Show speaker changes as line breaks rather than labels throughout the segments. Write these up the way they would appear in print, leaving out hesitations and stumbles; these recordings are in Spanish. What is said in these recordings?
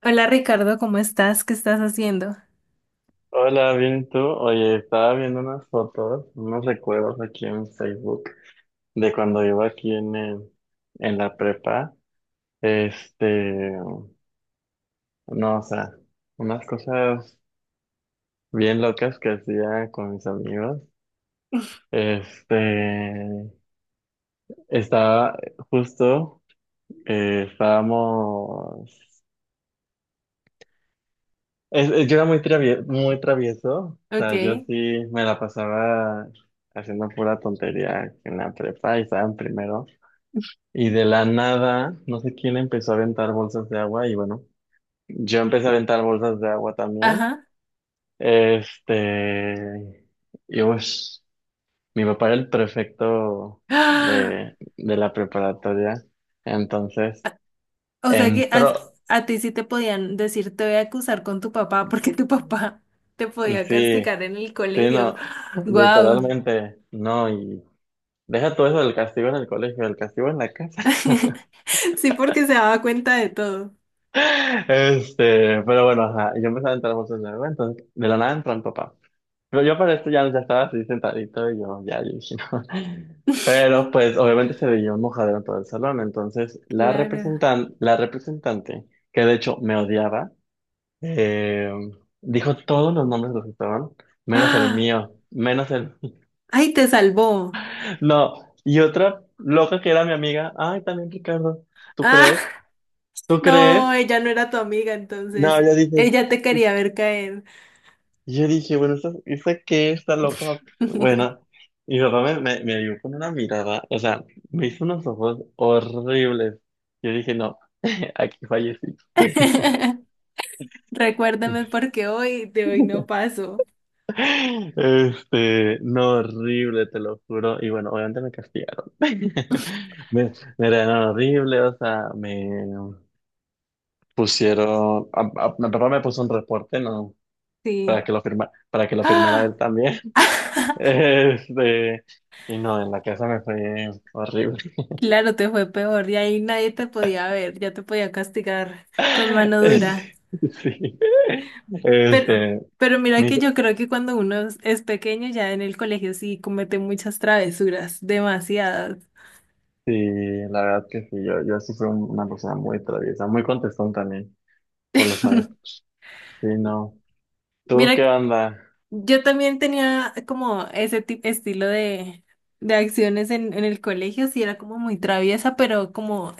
Hola Ricardo, ¿cómo estás? ¿Qué estás haciendo?
Hola, bien, ¿y tú? Oye, estaba viendo unas fotos, unos recuerdos aquí en Facebook de cuando iba aquí en la prepa. Este, no, o sea, unas cosas bien locas que hacía con mis amigos. Este, Estaba justo, estábamos, yo era muy travieso, o
Ok,
sea, yo sí me la pasaba haciendo pura tontería en la prepa y estaba en primero. Y de la nada, no sé quién empezó a aventar bolsas de agua y bueno, yo empecé a aventar bolsas de agua también.
ajá.
Este, y pues, mi papá era el prefecto
¡Ah!
de la preparatoria, entonces
O sea que a,
entró,
a ti sí te podían decir, te voy a acusar con tu papá porque tu papá te podía
sí,
castigar en el
sí,
colegio.
no,
¡Guau!
literalmente, no, y deja todo eso del castigo en el colegio, el castigo en la casa.
Sí, porque se daba cuenta de todo.
Pero bueno, ajá, yo empecé a aventar bolsas de agua, entonces de la nada entró mi papá. Pero yo para esto ya estaba así sentadito y yo ya, yo dije no. Pero pues obviamente se veía un mojadero en todo el salón. Entonces
Claro.
la representante, que de hecho me odiaba, eh, dijo todos los nombres de los que estaban, menos el
¡Ah!
mío, menos el...
¡Ay, te salvó!
No, y otra loca que era mi amiga, ay, también Ricardo, ¿tú
¡Ah!
crees? ¿Tú
No,
crees?
ella no era tu amiga,
No,
entonces
yo dije,
ella te quería ver caer.
Y yo dije, bueno, ¿esta qué? Está loca. Bueno, y mi papá me vio con una mirada, o sea, me hizo unos ojos horribles. Yo dije, no, aquí fallecí.
Recuérdame porque hoy de hoy no paso.
No, horrible, te lo juro. Y bueno, obviamente me castigaron. Me, me regañaron horrible, o sea, me pusieron, a- mi papá me puso un reporte, ¿no?
Sí.
Para que lo firmara
¡Ah!
él también. Este, y no, en la casa me fue horrible.
Claro, te fue peor y ahí nadie te podía ver, ya te podía castigar con mano
Sí,
dura.
sí.
Pero,
Este,
pero mira
mi-
que yo creo que cuando uno es pequeño ya en el colegio sí comete muchas travesuras, demasiadas.
sí, la verdad que sí, yo sí fui una persona muy traviesa, muy contestón también con los maestros. Sí, no. ¿Tú qué
Mira,
onda?
yo también tenía como ese tipo, estilo de acciones en el colegio, sí era como muy traviesa, pero como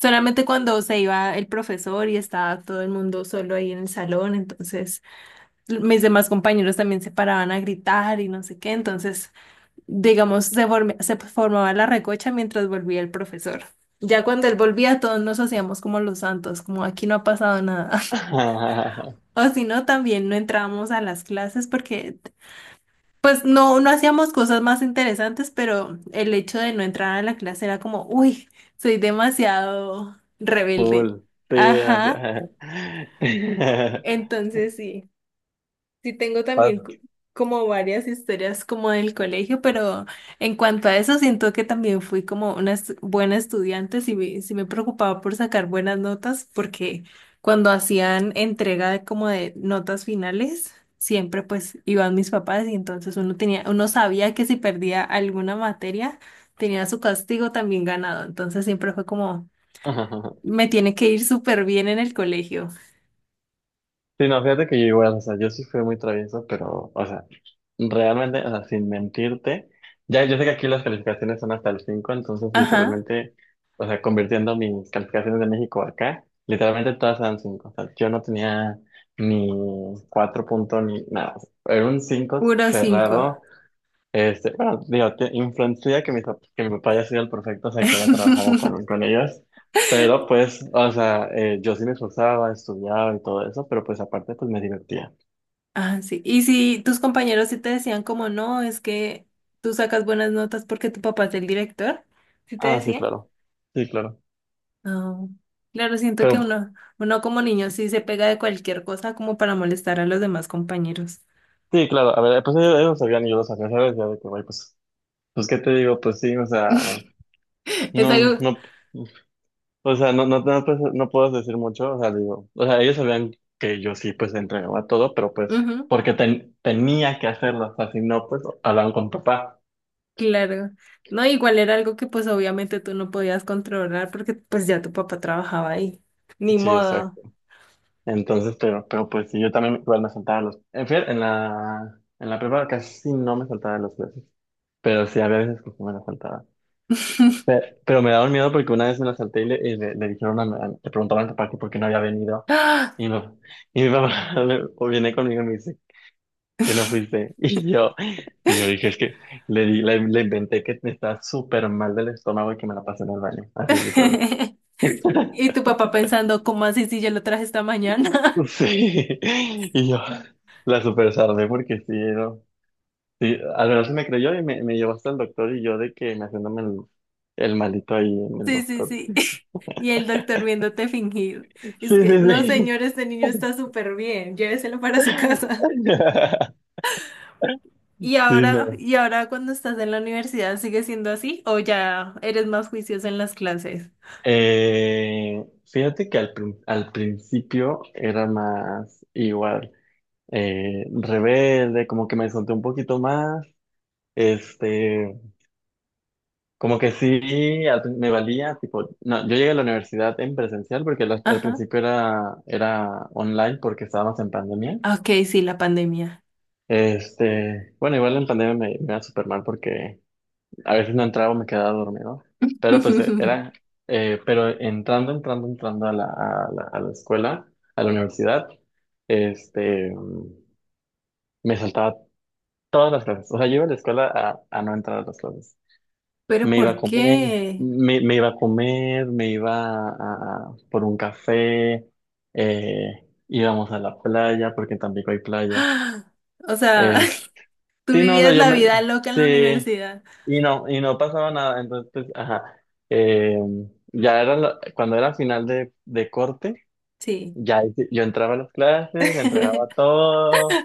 solamente cuando se iba el profesor y estaba todo el mundo solo ahí en el salón, entonces mis demás compañeros también se paraban a gritar y no sé qué, entonces, digamos, se formaba la recocha mientras volvía el profesor. Ya cuando él volvía, todos nos hacíamos como los santos, como aquí no ha pasado nada. O si no, también no entrábamos a las clases porque, pues, no, no hacíamos cosas más interesantes, pero el hecho de no entrar a la clase era como, uy, soy demasiado rebelde.
Full. Sí, o
Ajá.
sea.
Entonces, sí. Sí, tengo también
Pas-
como varias historias como del colegio, pero en cuanto a eso siento que también fui como una buena estudiante, sí, sí me preocupaba por sacar buenas notas, porque cuando hacían entrega como de notas finales, siempre pues iban mis papás y entonces uno tenía, uno sabía que si perdía alguna materia, tenía su castigo también ganado, entonces siempre fue como, me tiene que ir súper bien en el colegio.
Sí, no, fíjate que yo igual, o sea, yo sí fui muy travieso, pero, o sea, realmente, o sea, sin mentirte, ya yo sé que aquí las calificaciones son hasta el 5, entonces
Ajá,
literalmente, o sea, convirtiendo mis calificaciones de México acá, literalmente todas eran 5, o sea, yo no tenía ni 4 puntos ni nada, o sea, era un cinco
puro 5.
cerrado, bueno, digo, influencia que que mi papá haya sido el perfecto, o sea, que haya trabajado con, con ellos, pero pues, o sea, yo sí me esforzaba, estudiaba y todo eso, pero pues aparte, pues me divertía.
Ah, sí. Y si tus compañeros sí te decían como no, es que tú sacas buenas notas porque tu papá es el director, ¿sí te
Ah, sí,
decían?
claro, sí, claro,
No, claro, siento que
pero
uno, uno como niño sí se pega de cualquier cosa como para molestar a los demás compañeros.
sí, claro, a ver, pues ellos lo sabían y yo lo sabía, ¿sabes? Ya de que, güey, pues, ¿qué te digo? Pues sí, o sea,
Es
no,
algo,
no. O sea, no, no, no, pues, no puedo decir mucho, o sea, digo, o sea, ellos sabían que yo sí, pues, entregaba todo, pero pues,
ujú,
porque tenía que hacerlo, o sea, si no, pues, hablaban con papá.
claro. No, igual era algo que pues obviamente tú no podías controlar porque pues ya tu papá trabajaba ahí. Ni
Sí,
modo.
exacto. Entonces, pero pues, sí, yo también igual me saltaba los, en fin, en la prepa casi no me saltaba las clases, pero sí, había veces que sí me las saltaba. Pero, me daba miedo porque una vez me las salté y y le dijeron le preguntaron a mi papá que por qué no había venido,
¡Ah!
y mi papá viene conmigo y me dice que no fuiste. Y yo dije, es que le inventé que me estaba súper mal del estómago y que me la pasé en el baño, así literal.
Y tu papá pensando, ¿cómo así si yo lo traje esta mañana?
Sí, y yo la super sardé porque sí, no. Sí, al menos se me creyó y me llevó hasta el doctor y yo de que me haciéndome el malito ahí en el
Sí, sí,
doctor.
sí. Y el doctor viéndote fingir.
Sí,
Es
sí,
que, no,
sí.
señor, este niño está súper bien, lléveselo para su casa.
Sí, no.
Y ahora cuando estás en la universidad, ¿sigue siendo así o ya eres más juiciosa en las clases?
Fíjate que al principio era más igual. Rebelde, como que me solté un poquito más, este, como que sí, me valía, tipo, no, yo llegué a la universidad en presencial porque al
Ajá.
principio era online porque estábamos en pandemia.
Ok, sí, la pandemia.
Bueno, igual en pandemia me iba súper mal porque a veces no entraba, me quedaba dormido, pero pues era, pero entrando a la escuela, a la universidad, este, me saltaba todas las clases. O sea, yo iba a la escuela a no entrar a las clases.
Pero
Me iba a
¿por
comer,
qué?
me iba a comer, me iba a, por un café, íbamos a la playa, porque en Tampico hay playa.
O sea,
Eh,
tú
sí, no, o sea,
vivías
yo
la
me,
vida loca en la
sí,
universidad.
y no pasaba nada. Entonces, pues, ajá. Eh, ya era, cuando era final de corte,
Sí.
ya ahí sí, yo entraba a las clases, entregaba todo,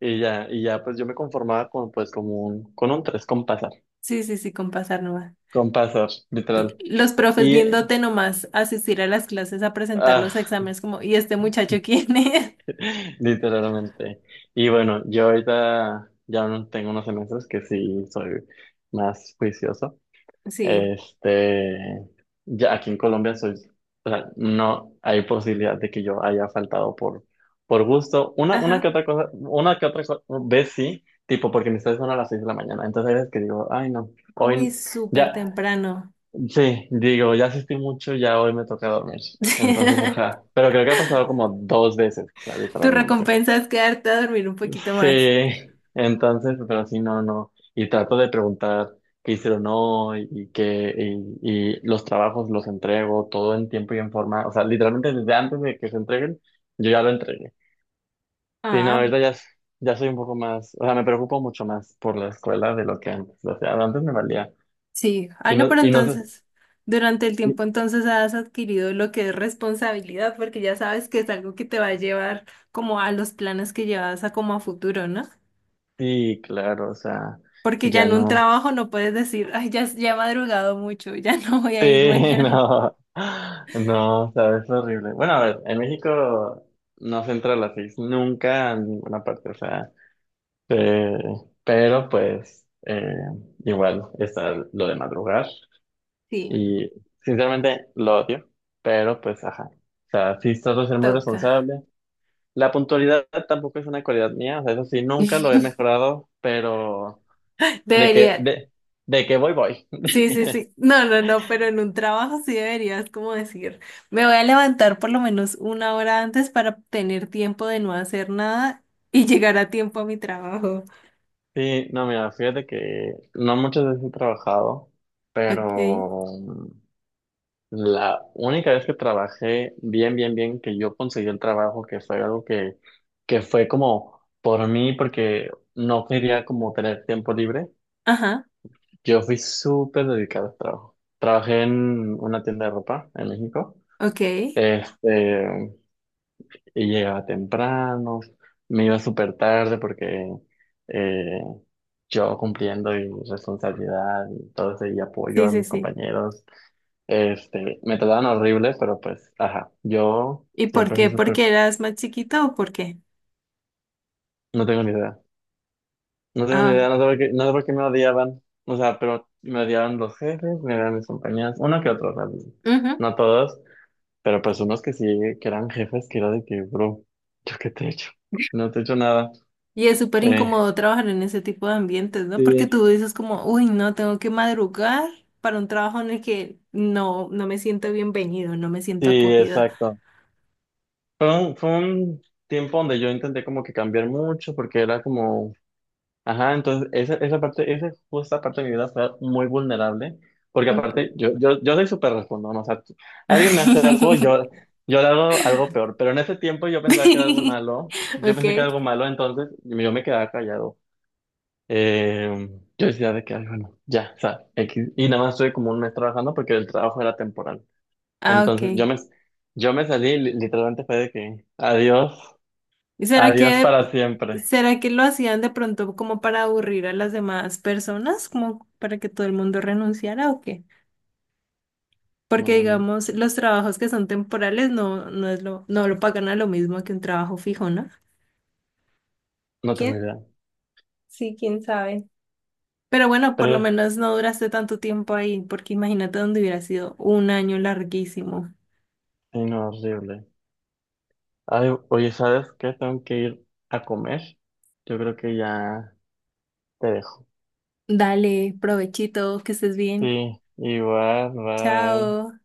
y ya, pues yo me conformaba con, pues, como un, con un tres con...
Sí, sí, sí, con pasar nomás.
Con pasas, literal.
Los profes
Y,
viéndote nomás asistir a las clases a presentar
ah,
los exámenes, como, ¿y este muchacho quién es?
literalmente. Y bueno, yo ahorita ya no tengo unos semestres que sí soy más juicioso.
Sí,
Este, ya aquí en Colombia soy, o sea, no hay posibilidad de que yo haya faltado por gusto. Una que
ajá.
otra cosa, una que otra vez sí, tipo porque mis clases son a las 6 de la mañana. Entonces hay veces que digo, ay no,
Uy,
hoy
súper
ya.
temprano.
Sí, digo, ya asistí mucho, ya hoy me toca dormir. Entonces, ajá. Pero creo que ha pasado como dos veces, claro,
Tu
literalmente.
recompensa es quedarte a dormir un poquito más.
Sí, entonces, pero sí, no, no. Y trato de preguntar qué hicieron hoy y qué, y, los trabajos los entrego todo en tiempo y en forma. O sea, literalmente desde antes de que se entreguen, yo ya lo entregué. Sí, no,
Ah,
ahorita ya, ya soy un poco más, o sea, me preocupo mucho más por la escuela de lo que antes. O sea, antes me valía.
sí. Ah, no, pero
Y no sé.
entonces, durante el tiempo entonces has adquirido lo que es responsabilidad, porque ya sabes que es algo que te va a llevar como a los planes que llevas a como a futuro, ¿no?
Sí, claro, o sea,
Porque ya
ya
en un
no.
trabajo no puedes decir, ay, ya, ya he madrugado mucho, ya no voy a ir
Sí,
mañana.
no. No, o sea, es horrible. Bueno, a ver, en México no se entra a las 6 nunca en ninguna parte, o sea, eh, pero pues igual está lo de madrugar
Sí,
y sinceramente lo odio, pero pues ajá. O sea, sí trato de ser muy
toca.
responsable. La puntualidad tampoco es una cualidad mía, o sea, eso sí, nunca lo he mejorado, pero de que,
Debería.
de, de que voy, voy.
Sí, sí, sí. No, no, no, pero en un trabajo sí deberías como decir, me voy a levantar por lo menos una hora antes para tener tiempo de no hacer nada y llegar a tiempo a mi trabajo.
Sí, no, mira, fíjate que no muchas veces he trabajado,
Ok.
pero la única vez que trabajé bien, bien, bien, que yo conseguí el trabajo, que fue algo que fue como por mí, porque no quería como tener tiempo libre,
Ajá.
yo fui súper dedicado al trabajo. Trabajé en una tienda de ropa en México.
Ok.
Este, y llegaba temprano, me iba súper tarde porque eh, yo cumpliendo mi responsabilidad y todo ese y apoyo
Sí,
a
sí,
mis
sí.
compañeros, me trataban horrible, pero pues, ajá, yo
¿Y por
siempre fui
qué?
súper,
¿Porque eras más chiquito o por qué?
no tengo ni idea, no tengo ni idea,
Ah.
no sé por qué, no sé por qué me odiaban, o sea, pero me odiaban los jefes, me odiaban mis compañeros, uno que otro, o sea, no todos, pero pues unos que sí, que eran jefes, que era de que, bro, ¿yo qué te he hecho? No te he hecho nada.
Y es súper
Eh,
incómodo trabajar en ese tipo de ambientes, ¿no? Porque
Sí,
tú dices como, uy, no, tengo que madrugar para un trabajo en el que no, no me siento bienvenido, no me siento
sí,
acogida.
exacto. Fue un tiempo donde yo intenté como que cambiar mucho porque era como, ajá, entonces esa justa parte de mi vida fue muy vulnerable porque
Okay,
aparte yo soy súper respondón, o sea, alguien me hace algo, yo le hago algo peor, pero en ese tiempo yo pensaba que era algo malo, yo pensé que era
okay.
algo malo, entonces yo me quedaba callado. Eh, yo decía de que, ay, bueno, ya, o sea, X. Y nada más estuve como un mes trabajando porque el trabajo era temporal.
Ah,
Entonces
okay.
yo me salí, literalmente fue de que adiós,
¿Y
adiós para siempre.
será que lo hacían de pronto como para aburrir a las demás personas, como para que todo el mundo renunciara o qué?
No,
Porque
me-
digamos, los trabajos que son temporales no, no es lo, no lo pagan a lo mismo que un trabajo fijo, ¿no?
no tengo idea.
Sí, quién sabe. Pero bueno, por lo
Pero,
menos no duraste tanto tiempo ahí, porque imagínate donde hubiera sido un año larguísimo.
sí, no, horrible. Ay, oye, ¿sabes qué? Tengo que ir a comer. Yo creo que ya te dejo.
Dale, provechito, que estés bien.
Sí, igual, bye.
Chao.